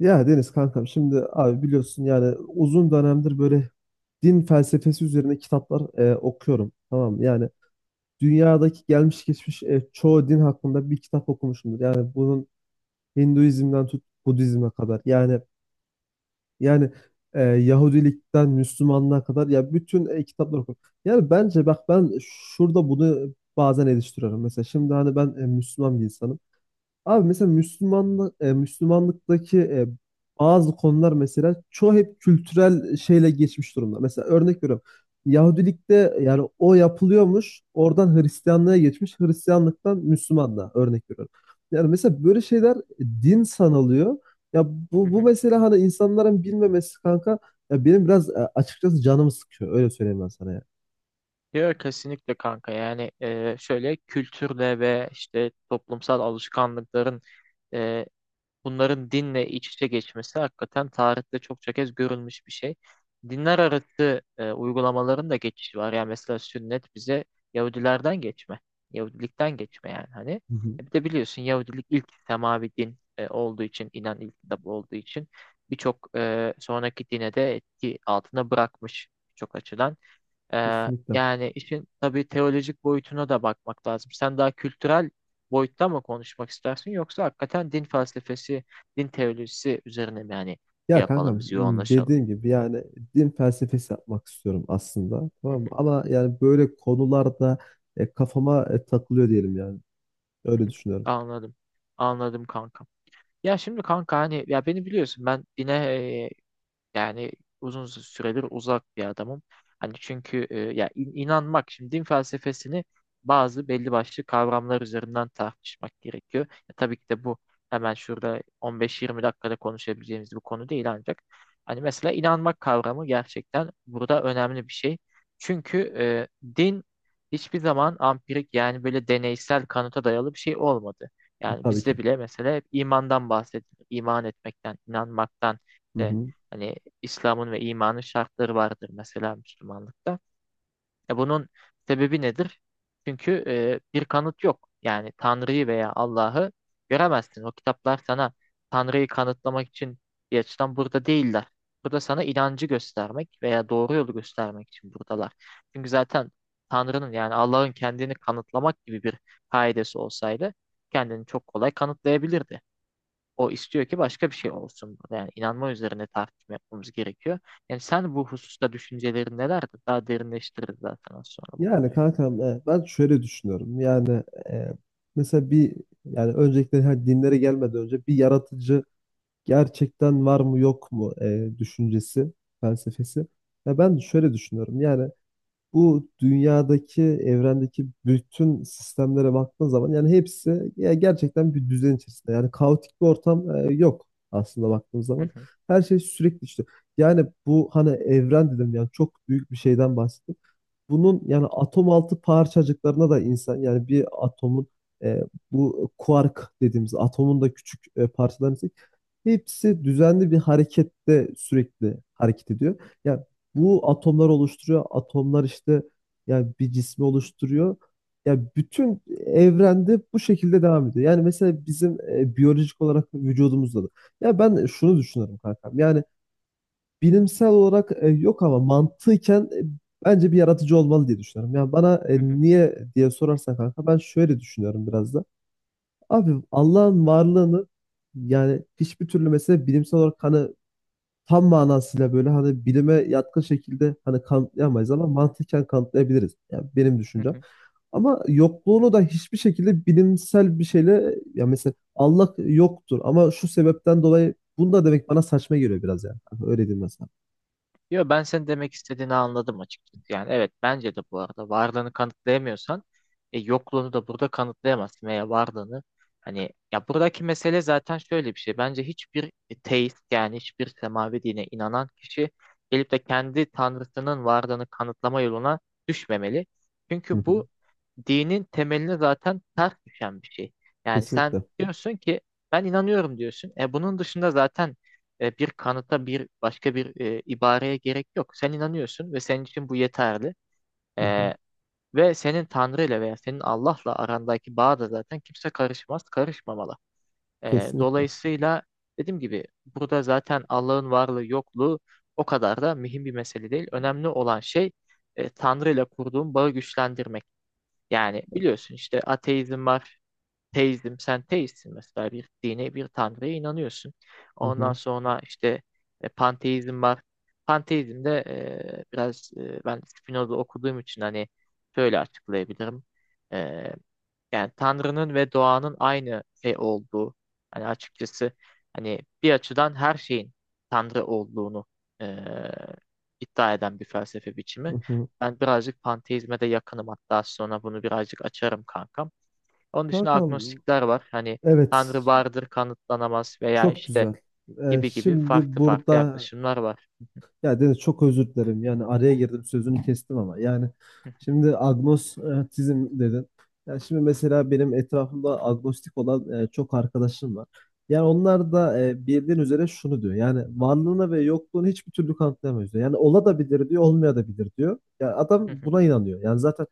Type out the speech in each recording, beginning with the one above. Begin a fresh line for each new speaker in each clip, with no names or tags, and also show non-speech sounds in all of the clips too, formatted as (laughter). Ya Deniz kankam, şimdi abi biliyorsun, yani uzun dönemdir böyle din felsefesi üzerine kitaplar okuyorum. Tamam mı? Yani dünyadaki gelmiş geçmiş çoğu din hakkında bir kitap okumuşumdur. Yani bunun Hinduizm'den tut Budizm'e kadar. Yani yani Yahudilikten Müslümanlığa kadar ya bütün kitapları okuyorum. Yani bence bak, ben şurada bunu bazen eleştiriyorum. Mesela şimdi hani ben Müslüman bir insanım. Abi mesela Müslümanlıktaki bazı konular, mesela çoğu hep kültürel şeyle geçmiş durumda. Mesela örnek veriyorum. Yahudilikte yani o yapılıyormuş, oradan Hristiyanlığa geçmiş, Hristiyanlıktan Müslümanlığa, örnek veriyorum. Yani mesela böyle şeyler din sanılıyor. Ya
Hı
bu
hı.
mesela hani insanların bilmemesi kanka, ya benim biraz açıkçası canımı sıkıyor. Öyle söyleyeyim ben sana ya.
Ya kesinlikle kanka, yani şöyle kültürle ve işte toplumsal alışkanlıkların e, bunların dinle iç içe geçmesi hakikaten tarihte çokça kez görülmüş bir şey. Dinler arası uygulamaların da geçişi var. Yani mesela sünnet bize Yahudilerden Yahudilikten geçme yani hani.
Hı hı.
E Bir de biliyorsun, Yahudilik ilk semavi din olduğu için, inen ilk kitap olduğu için birçok sonraki dine de etki altına bırakmış çok açıdan.
Kesinlikle.
Yani işin tabii teolojik boyutuna da bakmak lazım. Sen daha kültürel boyutta mı konuşmak istersin, yoksa hakikaten din felsefesi, din teolojisi üzerine mi, yani şey
Ya
yapalım,
kankam,
biz yoğunlaşalım.
dediğim gibi yani din felsefesi yapmak istiyorum aslında,
Hı
tamam mı?
hı,
Ama yani böyle konularda kafama takılıyor diyelim yani.
hı
Öyle
hı.
düşünüyorum,
Anladım. Anladım kanka. Ya şimdi kanka, hani ya beni biliyorsun, ben dine, yani uzun süredir uzak bir adamım. Hani çünkü inanmak, şimdi din felsefesini bazı belli başlı kavramlar üzerinden tartışmak gerekiyor. Ya tabii ki de bu hemen şurada 15-20 dakikada konuşabileceğimiz bir konu değil, ancak hani mesela inanmak kavramı gerçekten burada önemli bir şey. Çünkü din hiçbir zaman ampirik, yani böyle deneysel kanıta dayalı bir şey olmadı. Yani
tabii ki.
bizde bile mesela hep imandan bahsedilir. İman etmekten, inanmaktan
Hı
işte.
hı.
Hani İslam'ın ve imanın şartları vardır mesela Müslümanlıkta. E bunun sebebi nedir? Çünkü bir kanıt yok. Yani Tanrı'yı veya Allah'ı göremezsin. O kitaplar sana Tanrı'yı kanıtlamak için bir açıdan burada değiller. Burada sana inancı göstermek veya doğru yolu göstermek için buradalar. Çünkü zaten Tanrı'nın, yani Allah'ın kendini kanıtlamak gibi bir kaidesi olsaydı, kendini çok kolay kanıtlayabilirdi. O istiyor ki başka bir şey olsun. Yani inanma üzerine tartışma yapmamız gerekiyor. Yani sen bu hususta düşüncelerin nelerdir? Daha derinleştiririz zaten az sonra bu
Yani
konuyu.
kankam, ben şöyle düşünüyorum yani. e, Mesela bir, yani öncelikle hani dinlere gelmeden önce bir yaratıcı gerçekten var mı yok mu düşüncesi, felsefesi. Ya ben şöyle düşünüyorum yani: bu dünyadaki, evrendeki bütün sistemlere baktığın zaman yani hepsi ya gerçekten bir düzen içerisinde. Yani kaotik bir ortam yok aslında, baktığımız
Hı
zaman.
hı,
Her şey sürekli işte. Yani bu hani evren dedim, yani çok büyük bir şeyden bahsettim, bunun yani atom altı parçacıklarına da insan, yani bir atomun, e, bu kuark dediğimiz atomun da küçük parçalarını ise hepsi düzenli bir harekette sürekli hareket ediyor. Yani bu atomlar oluşturuyor. Atomlar işte yani bir cismi oluşturuyor. Yani bütün evrende bu şekilde devam ediyor. Yani mesela bizim biyolojik olarak vücudumuzda da. Ya ben şunu düşünüyorum kankam. Yani bilimsel olarak yok ama mantıken bence bir yaratıcı olmalı diye düşünüyorum. Yani bana
hı hı,
niye diye sorarsan kanka, ben şöyle düşünüyorum biraz da. Abi Allah'ın varlığını yani hiçbir türlü mesela bilimsel olarak, hani tam manasıyla böyle, hani bilime yatkın şekilde hani kanıtlayamayız, ama mantıken kanıtlayabiliriz. Yani benim
hı
düşüncem.
hı.
Ama yokluğunu da hiçbir şekilde bilimsel bir şeyle, ya mesela Allah yoktur ama şu sebepten dolayı, bunu da demek bana saçma geliyor biraz yani. Hani öyle diyeyim mesela.
Yo, ben senin demek istediğini anladım açıkçası. Yani evet, bence de bu arada varlığını kanıtlayamıyorsan yokluğunu da burada kanıtlayamazsın. Veya varlığını, hani ya buradaki mesele zaten şöyle bir şey. Bence hiçbir teist, yani hiçbir semavi dine inanan kişi, gelip de kendi tanrısının varlığını kanıtlama yoluna düşmemeli.
Hı
Çünkü
hı.
bu dinin temeline zaten ters düşen bir şey. Yani sen
Kesinlikle.
diyorsun ki ben inanıyorum diyorsun. E bunun dışında zaten bir kanıta, bir başka bir ibareye gerek yok. Sen inanıyorsun ve senin için bu yeterli.
Hı hı.
E, Ve senin Tanrı ile veya senin Allah'la arandaki bağ da zaten kimse karışmaz, karışmamalı.
Kesinlikle.
Dolayısıyla dediğim gibi, burada zaten Allah'ın varlığı yokluğu o kadar da mühim bir mesele değil. Önemli olan şey Tanrı ile kurduğun bağı güçlendirmek. Yani biliyorsun, işte ateizm var, teizm, sen teistsin mesela, bir dine, bir tanrıya inanıyorsun.
Hı
Ondan
hı.
sonra işte panteizm var. Panteizm de ben Spinoza okuduğum için hani şöyle açıklayabilirim. E, Yani Tanrı'nın ve doğanın aynı şey olduğu, hani açıkçası hani bir açıdan her şeyin Tanrı olduğunu e, iddia eden bir felsefe
Hı
biçimi.
hı.
Ben birazcık panteizme de yakınım, hatta sonra bunu birazcık açarım kankam. Onun dışında
Kankam,
agnostikler var. Hani Tanrı
evet,
vardır, kanıtlanamaz, veya
çok
işte
güzel.
gibi gibi
Şimdi
farklı farklı
burada
yaklaşımlar var.
ya Deniz, çok özür dilerim. Yani araya girdim, sözünü kestim ama. Yani
(laughs)
şimdi agnostizm dedin. Yani şimdi mesela benim etrafımda agnostik olan çok arkadaşım var. Yani onlar da bildiğin üzere şunu diyor. Yani varlığını ve yokluğunu hiçbir türlü kanıtlayamıyoruz diyor. Yani ola da bilir diyor, olmaya da bilir diyor. Ya
Hı
adam
hı.
buna inanıyor. Yani zaten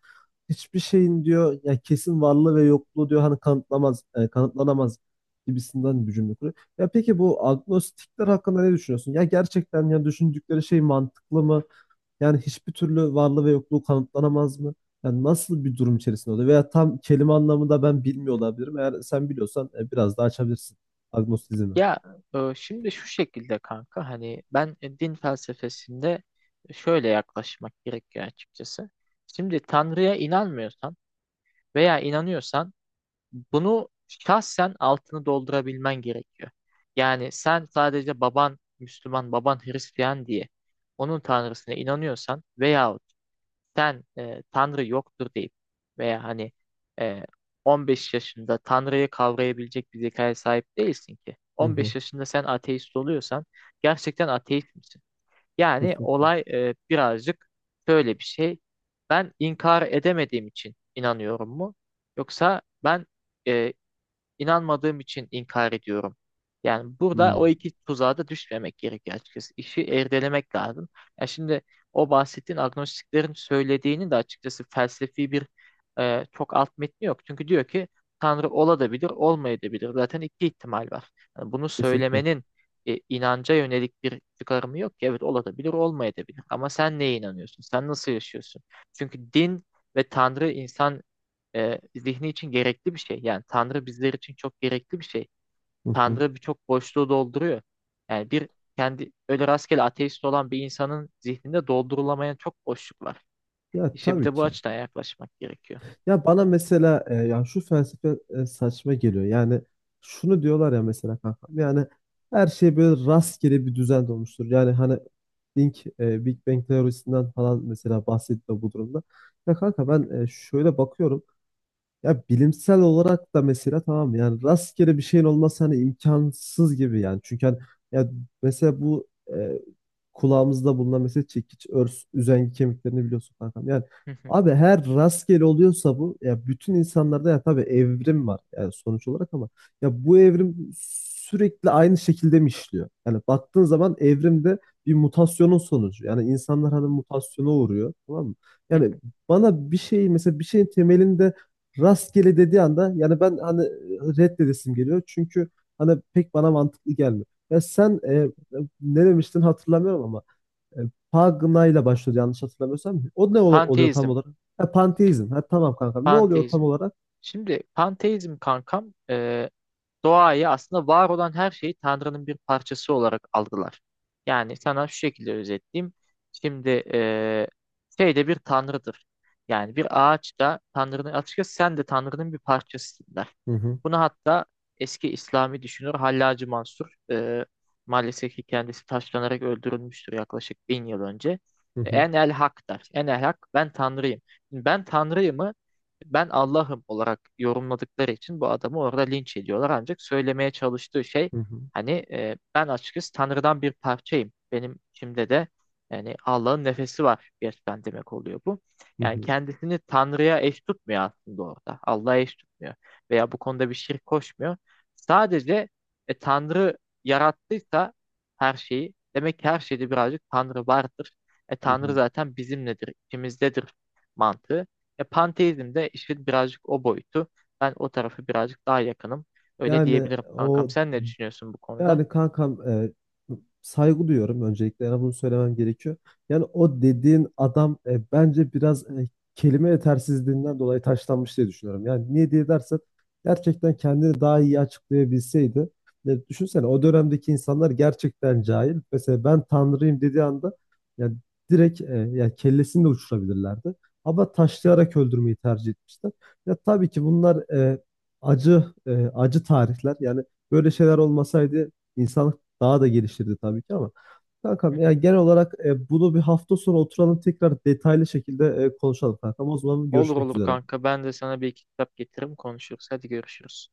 hiçbir şeyin diyor ya, kesin varlığı ve yokluğu diyor hani kanıtlamaz, kanıtlanamaz gibisinden bir cümle kuruyor. Ya peki bu agnostikler hakkında ne düşünüyorsun? Ya gerçekten, ya düşündükleri şey mantıklı mı? Yani hiçbir türlü varlığı ve yokluğu kanıtlanamaz mı? Yani nasıl bir durum içerisinde oluyor? Veya tam kelime anlamında ben bilmiyor olabilirim. Eğer sen biliyorsan biraz daha açabilirsin agnostizmi.
Ya şimdi şu şekilde kanka, hani ben din felsefesinde şöyle yaklaşmak gerekiyor açıkçası. Şimdi Tanrı'ya inanmıyorsan veya inanıyorsan, bunu şahsen altını doldurabilmen gerekiyor. Yani sen sadece baban Müslüman, baban Hristiyan diye onun Tanrısına inanıyorsan, veya sen Tanrı yoktur deyip, veya hani e, 15 yaşında Tanrı'yı kavrayabilecek bir zekaya sahip değilsin ki.
Hı
15
hı,
yaşında sen ateist oluyorsan, gerçekten ateist misin? Yani
kesinlikle.
olay birazcık şöyle bir şey. Ben inkar edemediğim için inanıyorum mu? Yoksa ben, e, İnanmadığım için inkar ediyorum. Yani burada o
Hmm.
iki tuzağa da düşmemek gerekiyor açıkçası. İşi erdelemek lazım. Ya şimdi o bahsettiğin agnostiklerin söylediğini de açıkçası felsefi bir, çok alt metni yok. Çünkü diyor ki Tanrı olabilir, olmayabilir. Zaten iki ihtimal var. Yani bunu
Kesinlikle.
söylemenin inanca yönelik bir çıkarımı yok ki. Evet, olabilir, olmayabilir. Ama sen neye inanıyorsun? Sen nasıl yaşıyorsun? Çünkü din ve Tanrı insan zihni için gerekli bir şey. Yani Tanrı bizler için çok gerekli bir şey.
Hı hı.
Tanrı birçok boşluğu dolduruyor. Yani bir kendi öyle rastgele ateist olan bir insanın zihninde doldurulamayan çok boşluk var.
Ya
İşte bir
tabii
de bu
ki.
açıdan yaklaşmak gerekiyor.
Ya bana mesela ya şu felsefe saçma geliyor. Yani şunu diyorlar ya, mesela kankam. Yani her şey böyle rastgele bir düzen olmuştur. Yani hani Big Bang teorisinden falan mesela bahsediyor bu durumda. Ya kanka, ben şöyle bakıyorum. Ya bilimsel olarak da mesela tamam, yani rastgele bir şeyin olması hani imkansız gibi yani. Çünkü hani, ya mesela bu e, kulağımızda bulunan mesela çekiç, örs, üzengi kemiklerini biliyorsun kankam. Yani abi,
(laughs)
her rastgele oluyorsa bu, ya bütün insanlarda, ya tabii evrim var yani sonuç olarak, ama ya bu evrim sürekli aynı şekilde mi işliyor? Yani baktığın zaman evrimde bir mutasyonun sonucu. Yani insanlar hani mutasyona uğruyor, tamam mı? Yani bana bir şey, mesela bir şeyin temelinde rastgele dediği anda yani ben hani reddedesim geliyor. Çünkü hani pek bana mantıklı gelmiyor. Ya sen ne demiştin hatırlamıyorum, ama e, Pagna ile başlıyor yanlış hatırlamıyorsam. O ne oluyor tam
Panteizm,
olarak? Ha, panteizm. Ha, tamam kankam. Ne oluyor tam
panteizm.
olarak?
Şimdi panteizm kankam, doğayı, aslında var olan her şeyi Tanrı'nın bir parçası olarak algılar. Yani sana şu şekilde özetleyeyim. Şimdi şey de bir Tanrı'dır. Yani bir ağaç da Tanrı'nın, açıkçası sen de Tanrı'nın bir parçasısın der.
Hı hı,
Bunu hatta eski İslami düşünür Hallacı Mansur, maalesef ki kendisi taşlanarak öldürülmüştür yaklaşık 1000 yıl önce.
hı hı,
En el hak der. En el hak, ben Tanrıyım. Şimdi Ben Tanrıyım'ı ben Allah'ım olarak yorumladıkları için bu adamı orada linç ediyorlar. Ancak söylemeye çalıştığı şey,
hı hı,
hani ben açıkçası Tanrı'dan bir parçayım. Benim içimde de yani Allah'ın nefesi var gerçekten, demek oluyor bu.
hı
Yani
hı,
kendisini Tanrı'ya eş tutmuyor aslında orada. Allah'a eş tutmuyor. Veya bu konuda bir şirk koşmuyor. Sadece Tanrı yarattıysa her şeyi, demek ki her şeyde birazcık Tanrı vardır.
hı
Tanrı
hı.
zaten bizimledir, içimizdedir mantığı. Panteizm de işin birazcık o boyutu. Ben o tarafı birazcık daha yakınım. Öyle
Yani
diyebilirim kankam.
o
Sen ne düşünüyorsun bu konuda?
Yani kankam, saygı duyuyorum öncelikle, yani bunu söylemem gerekiyor. Yani o dediğin adam bence biraz kelime yetersizliğinden dolayı taşlanmış diye düşünüyorum. Yani niye diye dersen, gerçekten kendini daha iyi açıklayabilseydi. E, düşünsene, o dönemdeki insanlar gerçekten cahil. Mesela ben tanrıyım dediği anda yani direkt, yani kellesini de uçurabilirlerdi. Ama taşlayarak öldürmeyi tercih etmişler. Ya tabii ki bunlar acı, acı tarihler. Yani böyle şeyler olmasaydı İnsanlık daha da geliştirdi tabii ki, ama kankam, ya genel
(laughs)
olarak bunu bir hafta sonra oturalım tekrar, detaylı şekilde konuşalım kankam. O zaman
Olur
görüşmek
olur
üzere.
kanka. Ben de sana bir iki kitap getiririm, konuşuruz. Hadi görüşürüz.